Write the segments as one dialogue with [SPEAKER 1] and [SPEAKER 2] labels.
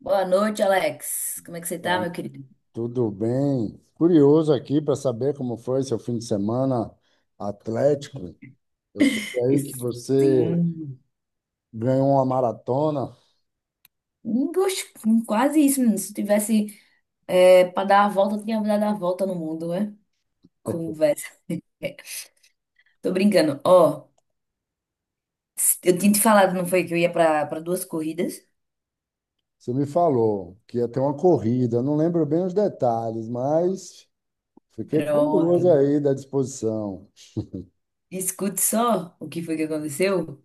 [SPEAKER 1] Boa noite, Alex. Como é que você tá,
[SPEAKER 2] Vai,
[SPEAKER 1] meu querido?
[SPEAKER 2] tudo bem? Curioso aqui para saber como foi seu fim de semana atlético. Eu sei aí que
[SPEAKER 1] Isso.
[SPEAKER 2] você
[SPEAKER 1] Sim.
[SPEAKER 2] ganhou uma maratona.
[SPEAKER 1] Quase isso, menino. Se eu tivesse pra dar a volta, eu tinha dado a volta no mundo, né? Conversa. Tô brincando. Ó, eu tinha te falado, não foi, que eu ia pra duas corridas?
[SPEAKER 2] Você me falou que ia ter uma corrida. Não lembro bem os detalhes, mas fiquei curioso
[SPEAKER 1] Pronto.
[SPEAKER 2] aí da disposição,
[SPEAKER 1] Escute só o que foi que aconteceu.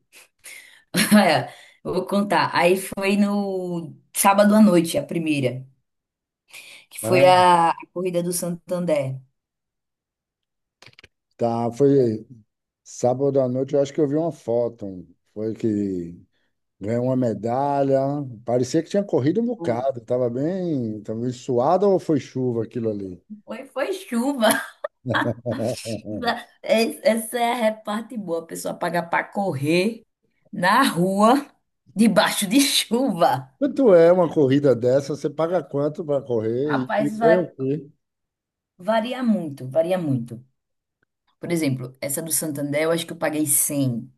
[SPEAKER 1] Olha, eu vou contar. Aí foi no sábado à noite, a primeira, que foi
[SPEAKER 2] né?
[SPEAKER 1] a corrida do Santander.
[SPEAKER 2] Tá, foi sábado à noite. Eu acho que eu vi uma foto. Foi que ganhou uma medalha. Parecia que tinha corrido um bocado. Tava bem suado ou foi chuva aquilo ali?
[SPEAKER 1] Foi, foi chuva. Essa é a parte boa, a pessoa paga para correr na rua, debaixo de chuva.
[SPEAKER 2] Quanto é uma corrida dessa? Você paga quanto para correr e
[SPEAKER 1] Rapaz,
[SPEAKER 2] ganha o quê?
[SPEAKER 1] varia muito, varia muito. Por exemplo, essa do Santander, eu acho que eu paguei 100.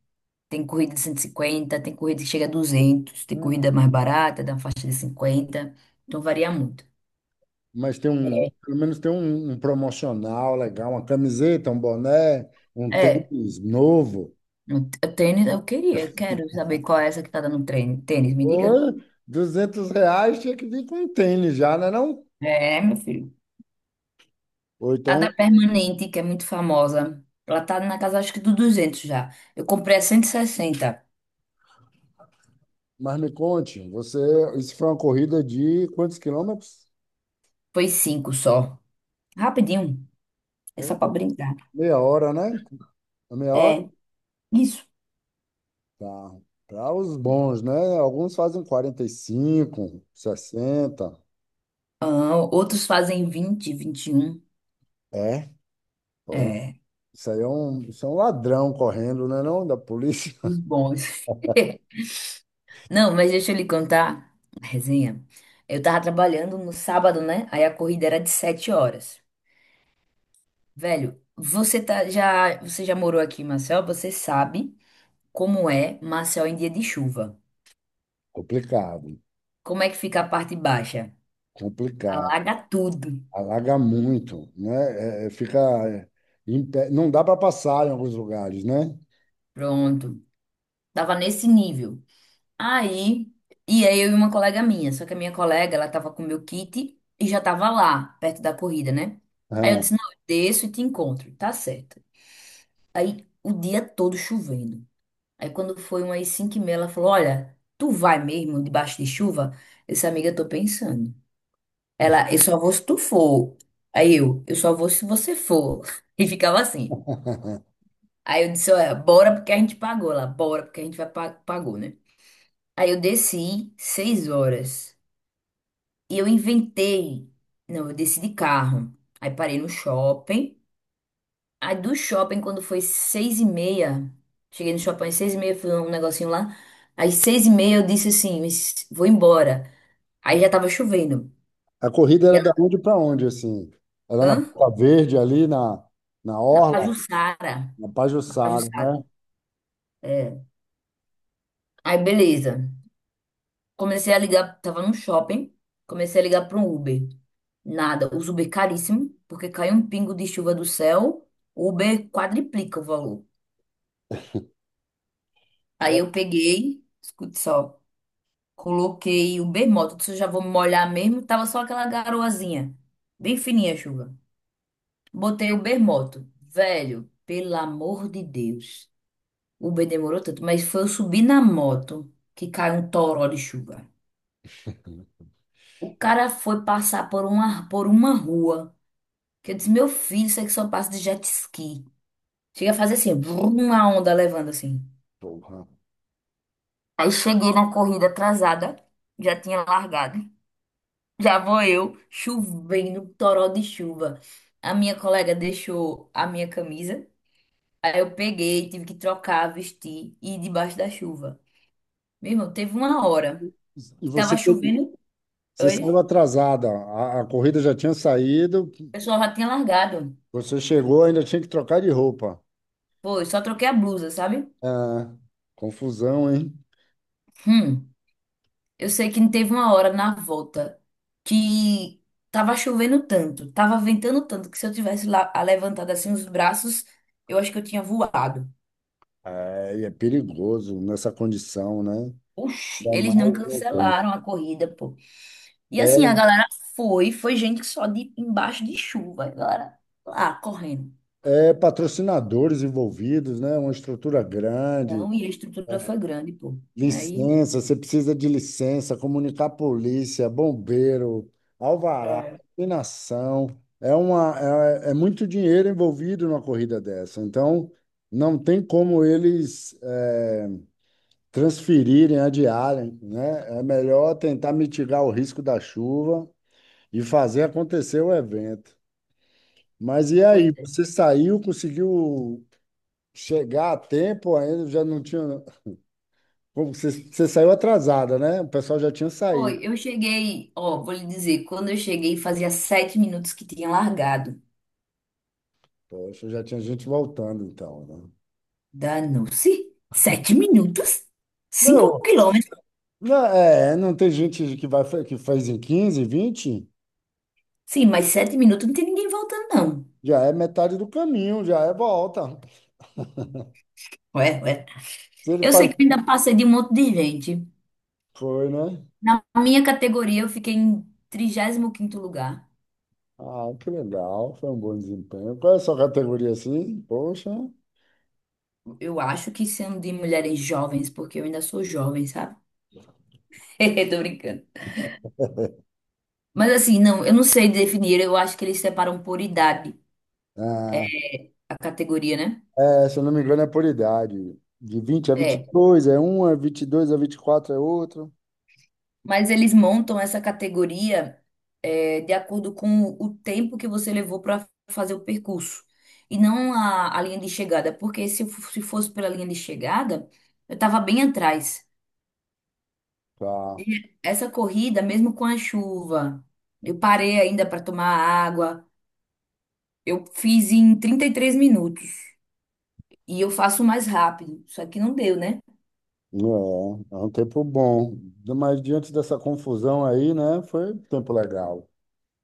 [SPEAKER 1] Tem corrida de 150, tem corrida que chega a 200, tem
[SPEAKER 2] Hum.
[SPEAKER 1] corrida mais barata, da faixa de 50. Então varia muito.
[SPEAKER 2] Mas pelo menos tem um promocional legal, uma camiseta, um boné, um
[SPEAKER 1] É,
[SPEAKER 2] tênis novo.
[SPEAKER 1] o tênis eu queria, eu quero saber qual é essa que tá dando treino. Tênis, me diga.
[SPEAKER 2] Ou R$ 200 tinha que vir com um tênis já, não é não?
[SPEAKER 1] É, meu filho.
[SPEAKER 2] Ou
[SPEAKER 1] A da
[SPEAKER 2] então,
[SPEAKER 1] Permanente, que é muito famosa. Ela tá na casa, acho que do 200 já. Eu comprei a 160.
[SPEAKER 2] mas me conte, você, isso foi uma corrida de quantos quilômetros?
[SPEAKER 1] Foi cinco só. Rapidinho. É só
[SPEAKER 2] É,
[SPEAKER 1] pra brincar.
[SPEAKER 2] meia hora, né? É meia hora?
[SPEAKER 1] É, isso.
[SPEAKER 2] Tá. Para os bons, né? Alguns fazem 45, 60.
[SPEAKER 1] Ah, outros fazem 20, 21.
[SPEAKER 2] É.
[SPEAKER 1] É,
[SPEAKER 2] Isso aí isso é um ladrão correndo, né, não, da polícia.
[SPEAKER 1] os bons. Não, mas deixa eu lhe contar a resenha. Eu tava trabalhando no sábado, né? Aí a corrida era de 7 horas. Velho, você já morou aqui, Marcel? Você sabe como é Marcel em dia de chuva.
[SPEAKER 2] Complicado,
[SPEAKER 1] Como é que fica a parte baixa?
[SPEAKER 2] complicado.
[SPEAKER 1] Alaga tudo.
[SPEAKER 2] Alaga muito, né? É, é, fica é, em pé. Não dá para passar em alguns lugares, né?
[SPEAKER 1] Pronto. Tava nesse nível. Aí, e aí eu e uma colega minha. Só que a minha colega, ela tava com o meu kit e já tava lá, perto da corrida, né? Aí eu
[SPEAKER 2] Ah.
[SPEAKER 1] disse, não, eu desço e te encontro. Tá certo. Aí, o dia todo chovendo. Aí quando foi umas 5 e meia, ela falou, olha, tu vai mesmo debaixo de chuva? Essa amiga, eu tô pensando. Ela, eu só vou se tu for. Aí eu só vou se você for. E ficava assim. Aí eu disse, olha, bora porque a gente pagou lá, bora porque a gente vai pagou, né? Aí eu desci seis horas e eu inventei, não, eu desci de carro. Aí parei no shopping. Aí do shopping, quando foi seis e meia, cheguei no shopping às seis e meia, fui um negocinho lá. Às seis e meia eu disse assim, "Mas vou embora." Aí já tava chovendo.
[SPEAKER 2] A corrida
[SPEAKER 1] E
[SPEAKER 2] era da
[SPEAKER 1] ela,
[SPEAKER 2] onde para onde, assim? Era
[SPEAKER 1] hã?
[SPEAKER 2] na Ponta Verde, ali na
[SPEAKER 1] Na
[SPEAKER 2] Orla,
[SPEAKER 1] Pajuçara.
[SPEAKER 2] na
[SPEAKER 1] Na
[SPEAKER 2] Pajuçara,
[SPEAKER 1] Pajuçara.
[SPEAKER 2] né?
[SPEAKER 1] É. Aí beleza. Comecei a ligar, tava num shopping, comecei a ligar para um Uber. Nada, os Uber caríssimo, porque cai um pingo de chuva do céu, o Uber quadriplica o valor. Aí
[SPEAKER 2] É,
[SPEAKER 1] eu peguei, escute só, coloquei o Uber Moto, disse, eu já vou me molhar mesmo, tava só aquela garoazinha, bem fininha a chuva. Botei o Uber Moto, velho, pelo amor de Deus. O Uber demorou tanto, mas foi eu subir na moto que caiu um toró de chuva. O cara foi passar por uma rua. Que eu disse, meu filho, isso aqui só passa de jet ski. Chega a fazer assim, brum, uma onda levando assim.
[SPEAKER 2] porra.
[SPEAKER 1] Aí cheguei na corrida atrasada, já tinha largado. Já vou eu, chovendo, toró de chuva. A minha colega deixou a minha camisa. Aí eu peguei, tive que trocar, vestir e ir debaixo da chuva. Meu irmão, teve uma hora
[SPEAKER 2] E
[SPEAKER 1] que tava
[SPEAKER 2] você, teve-
[SPEAKER 1] chovendo.
[SPEAKER 2] você
[SPEAKER 1] Oi?
[SPEAKER 2] saiu atrasada. A corrida já tinha saído,
[SPEAKER 1] O pessoal já tinha largado.
[SPEAKER 2] você chegou, ainda tinha que trocar de roupa.
[SPEAKER 1] Pô, eu só troquei a blusa, sabe?
[SPEAKER 2] É, confusão, hein?
[SPEAKER 1] Hum. Eu sei que teve uma hora na volta que tava chovendo tanto, tava ventando tanto, que se eu tivesse lá levantado assim os braços, eu acho que eu tinha voado.
[SPEAKER 2] É, e é perigoso nessa condição, né?
[SPEAKER 1] Oxi,
[SPEAKER 2] Ainda
[SPEAKER 1] eles não
[SPEAKER 2] mais no trânsito.
[SPEAKER 1] cancelaram a corrida, pô. E assim, a galera foi, foi gente só de embaixo de chuva, a galera lá correndo.
[SPEAKER 2] É patrocinadores envolvidos, né? Uma estrutura grande,
[SPEAKER 1] Não, e a estrutura foi grande, pô. Aí,
[SPEAKER 2] licença, você precisa de licença, comunicar a polícia, bombeiro, alvará,
[SPEAKER 1] é.
[SPEAKER 2] iluminação. É muito dinheiro envolvido numa corrida dessa. Então, não tem como eles transferirem, adiarem, né? É melhor tentar mitigar o risco da chuva e fazer acontecer o evento. Mas e aí,
[SPEAKER 1] Pois é.
[SPEAKER 2] você saiu, conseguiu chegar a tempo ainda? Já não tinha. Você saiu atrasada, né? O pessoal já tinha
[SPEAKER 1] Foi,
[SPEAKER 2] saído.
[SPEAKER 1] eu cheguei, ó, vou lhe dizer, quando eu cheguei fazia 7 minutos que tinha largado.
[SPEAKER 2] Poxa, já tinha gente voltando, então, né?
[SPEAKER 1] Danou-se. 7 minutos? Cinco
[SPEAKER 2] Não,
[SPEAKER 1] quilômetros?
[SPEAKER 2] não, não tem gente que vai, que faz em 15, 20,
[SPEAKER 1] Sim, mas 7 minutos não tem ninguém voltando, não.
[SPEAKER 2] já é metade do caminho, já é volta.
[SPEAKER 1] Ué, ué.
[SPEAKER 2] Se ele
[SPEAKER 1] Eu sei
[SPEAKER 2] faz.
[SPEAKER 1] que eu ainda passei de um monte de gente.
[SPEAKER 2] Foi, né?
[SPEAKER 1] Na minha categoria, eu fiquei em 35º lugar.
[SPEAKER 2] Ah, que legal, foi um bom desempenho. Qual é a sua categoria assim? Poxa.
[SPEAKER 1] Eu acho que sendo de mulheres jovens, porque eu ainda sou jovem, sabe? Tô brincando. Mas assim, não, eu não sei definir. Eu acho que eles separam por idade
[SPEAKER 2] Ah,
[SPEAKER 1] a categoria, né?
[SPEAKER 2] é, se eu não me engano, é por idade. De vinte a vinte
[SPEAKER 1] É.
[SPEAKER 2] e dois é uma, dois a 24 é outro.
[SPEAKER 1] Mas eles montam essa categoria de acordo com o tempo que você levou para fazer o percurso e não a linha de chegada, porque se fosse pela linha de chegada, eu estava bem atrás.
[SPEAKER 2] Tá.
[SPEAKER 1] E essa corrida, mesmo com a chuva, eu parei ainda para tomar água. Eu fiz em 33 minutos e eu faço mais rápido, só que não deu, né?
[SPEAKER 2] É um tempo bom. Mas diante dessa confusão aí, né? Foi um tempo legal.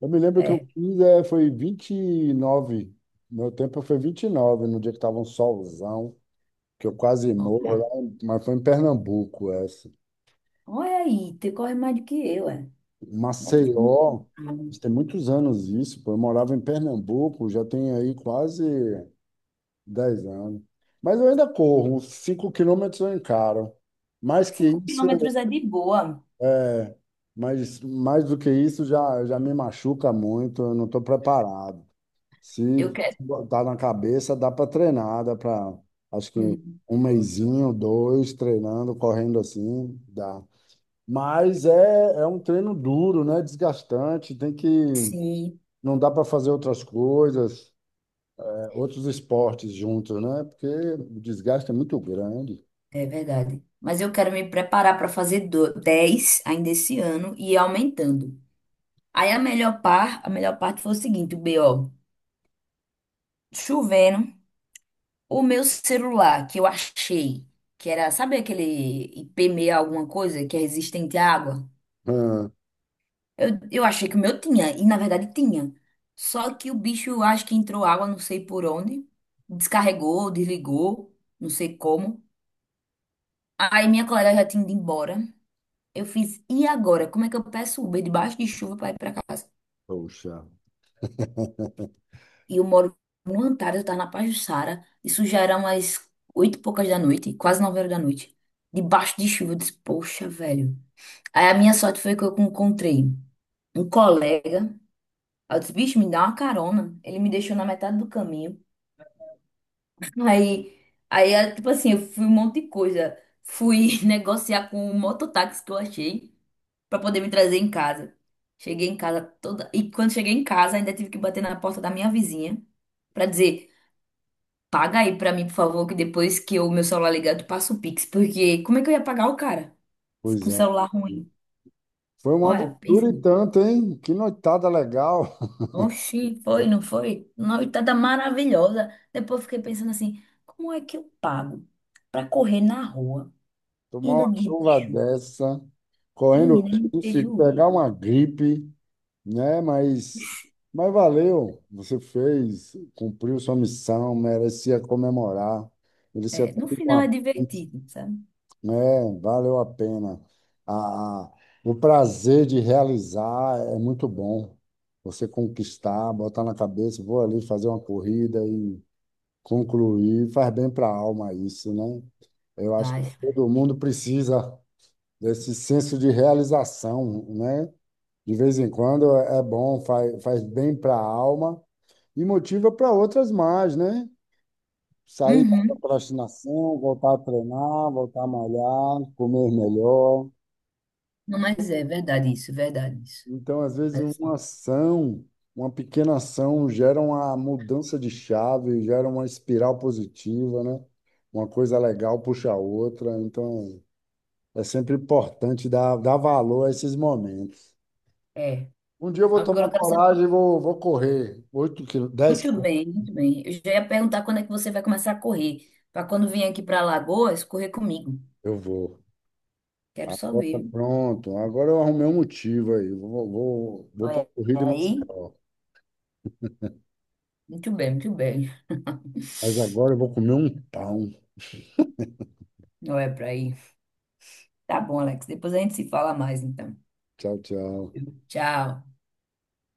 [SPEAKER 2] Eu me lembro que eu
[SPEAKER 1] É.
[SPEAKER 2] fiz, foi 29. Meu tempo foi 29 no dia que estava um solzão, que eu quase morro
[SPEAKER 1] Olha,
[SPEAKER 2] lá, mas foi em Pernambuco essa.
[SPEAKER 1] olha aí, tu corre mais do que eu, é.
[SPEAKER 2] Maceió, isso tem muitos anos isso, pô. Eu morava em Pernambuco, já tem aí quase 10 anos. Mas eu ainda corro, 5 quilômetros eu encaro. Mais que
[SPEAKER 1] Cinco
[SPEAKER 2] isso,
[SPEAKER 1] quilômetros é de boa.
[SPEAKER 2] é. Mas mais do que isso, já me machuca muito, eu não estou preparado. Se
[SPEAKER 1] Eu quero.
[SPEAKER 2] botar na cabeça, dá para treinar, acho que
[SPEAKER 1] Uhum.
[SPEAKER 2] um mesinho, dois, treinando, correndo assim, dá. Mas é um treino duro, né? Desgastante,
[SPEAKER 1] Sim,
[SPEAKER 2] não dá para fazer outras coisas, é, outros esportes juntos, né? Porque o desgaste é muito grande.
[SPEAKER 1] é verdade. Mas eu quero me preparar para fazer 10 ainda esse ano e ir aumentando. Aí a a melhor parte foi o seguinte, o chovendo, o meu celular que eu achei, que era, sabe aquele IP6 alguma coisa que é resistente à água?
[SPEAKER 2] Ah,
[SPEAKER 1] Eu achei que o meu tinha, e na verdade tinha. Só que o bicho, acho que entrou água, não sei por onde, descarregou, desligou, não sei como. Aí minha colega já tinha ido embora. Eu fiz, e agora? Como é que eu peço Uber debaixo de chuva para ir para casa?
[SPEAKER 2] poxa,
[SPEAKER 1] E eu moro no Antares, eu tava na Pajuçara. Isso já era umas oito e poucas da noite, quase nove horas da noite. Debaixo de chuva, eu disse, poxa, velho. Aí a minha sorte foi que eu encontrei um colega. Aí eu disse, bicho, me dá uma carona. Ele me deixou na metade do caminho. Aí, aí, tipo assim, eu fui um monte de coisa. Fui negociar com o mototáxi que eu achei pra poder me trazer em casa. Cheguei em casa toda. E quando cheguei em casa, ainda tive que bater na porta da minha vizinha pra dizer: paga aí pra mim, por favor, que depois que o meu celular ligar, eu te passo o Pix. Porque como é que eu ia pagar o cara
[SPEAKER 2] pois
[SPEAKER 1] com o
[SPEAKER 2] é.
[SPEAKER 1] celular ruim?
[SPEAKER 2] Foi uma
[SPEAKER 1] Olha,
[SPEAKER 2] aventura e
[SPEAKER 1] pensei.
[SPEAKER 2] tanto, hein? Que noitada legal.
[SPEAKER 1] Oxi, foi, não foi? Noitada maravilhosa. Depois fiquei pensando assim: como é que eu pago pra correr na rua? E
[SPEAKER 2] Tomar
[SPEAKER 1] ainda
[SPEAKER 2] uma
[SPEAKER 1] dia de
[SPEAKER 2] chuva
[SPEAKER 1] chuva?
[SPEAKER 2] dessa, correndo
[SPEAKER 1] Menina, é muito
[SPEAKER 2] tudo, pegar uma
[SPEAKER 1] prejuízo.
[SPEAKER 2] gripe, né? Mas valeu. Você fez, cumpriu sua missão, merecia comemorar. Merecia
[SPEAKER 1] É,
[SPEAKER 2] ter
[SPEAKER 1] no final é
[SPEAKER 2] uma.
[SPEAKER 1] divertido, sabe?
[SPEAKER 2] É, valeu a pena. A, a- o prazer de realizar é muito bom. Você conquistar, botar na cabeça, vou ali fazer uma corrida e concluir, faz bem para a alma isso, né? Eu acho que
[SPEAKER 1] Paz.
[SPEAKER 2] todo mundo precisa desse senso de realização, né? De vez em quando é bom, faz bem para a alma e motiva para outras mais, né? Sair da procrastinação, voltar a treinar, voltar a malhar, comer melhor.
[SPEAKER 1] Não, mas é verdade isso, é verdade isso.
[SPEAKER 2] Então, às vezes,
[SPEAKER 1] Mas,
[SPEAKER 2] uma
[SPEAKER 1] assim,
[SPEAKER 2] ação, uma pequena ação, gera uma mudança de chave, gera uma espiral positiva, né? Uma coisa legal puxa a outra. Então, é sempre importante dar valor a esses momentos.
[SPEAKER 1] é.
[SPEAKER 2] Um dia eu vou
[SPEAKER 1] Agora
[SPEAKER 2] tomar
[SPEAKER 1] eu quero saber
[SPEAKER 2] coragem e vou correr 8 quilômetros, 10
[SPEAKER 1] muito
[SPEAKER 2] quilômetros.
[SPEAKER 1] bem, muito bem. Eu já ia perguntar quando é que você vai começar a correr, para quando vir aqui para Alagoas, correr comigo.
[SPEAKER 2] Eu vou.
[SPEAKER 1] Quero só
[SPEAKER 2] Agora,
[SPEAKER 1] ver, viu?
[SPEAKER 2] pronto. Agora eu arrumei um motivo aí. Vou para a
[SPEAKER 1] Olha
[SPEAKER 2] corrida em
[SPEAKER 1] aí,
[SPEAKER 2] Maceió.
[SPEAKER 1] muito bem, muito bem.
[SPEAKER 2] Mas agora eu vou comer um pão.
[SPEAKER 1] Não é para ir. Tá bom, Alex. Depois a gente se fala mais, então.
[SPEAKER 2] Tchau, tchau.
[SPEAKER 1] Tchau.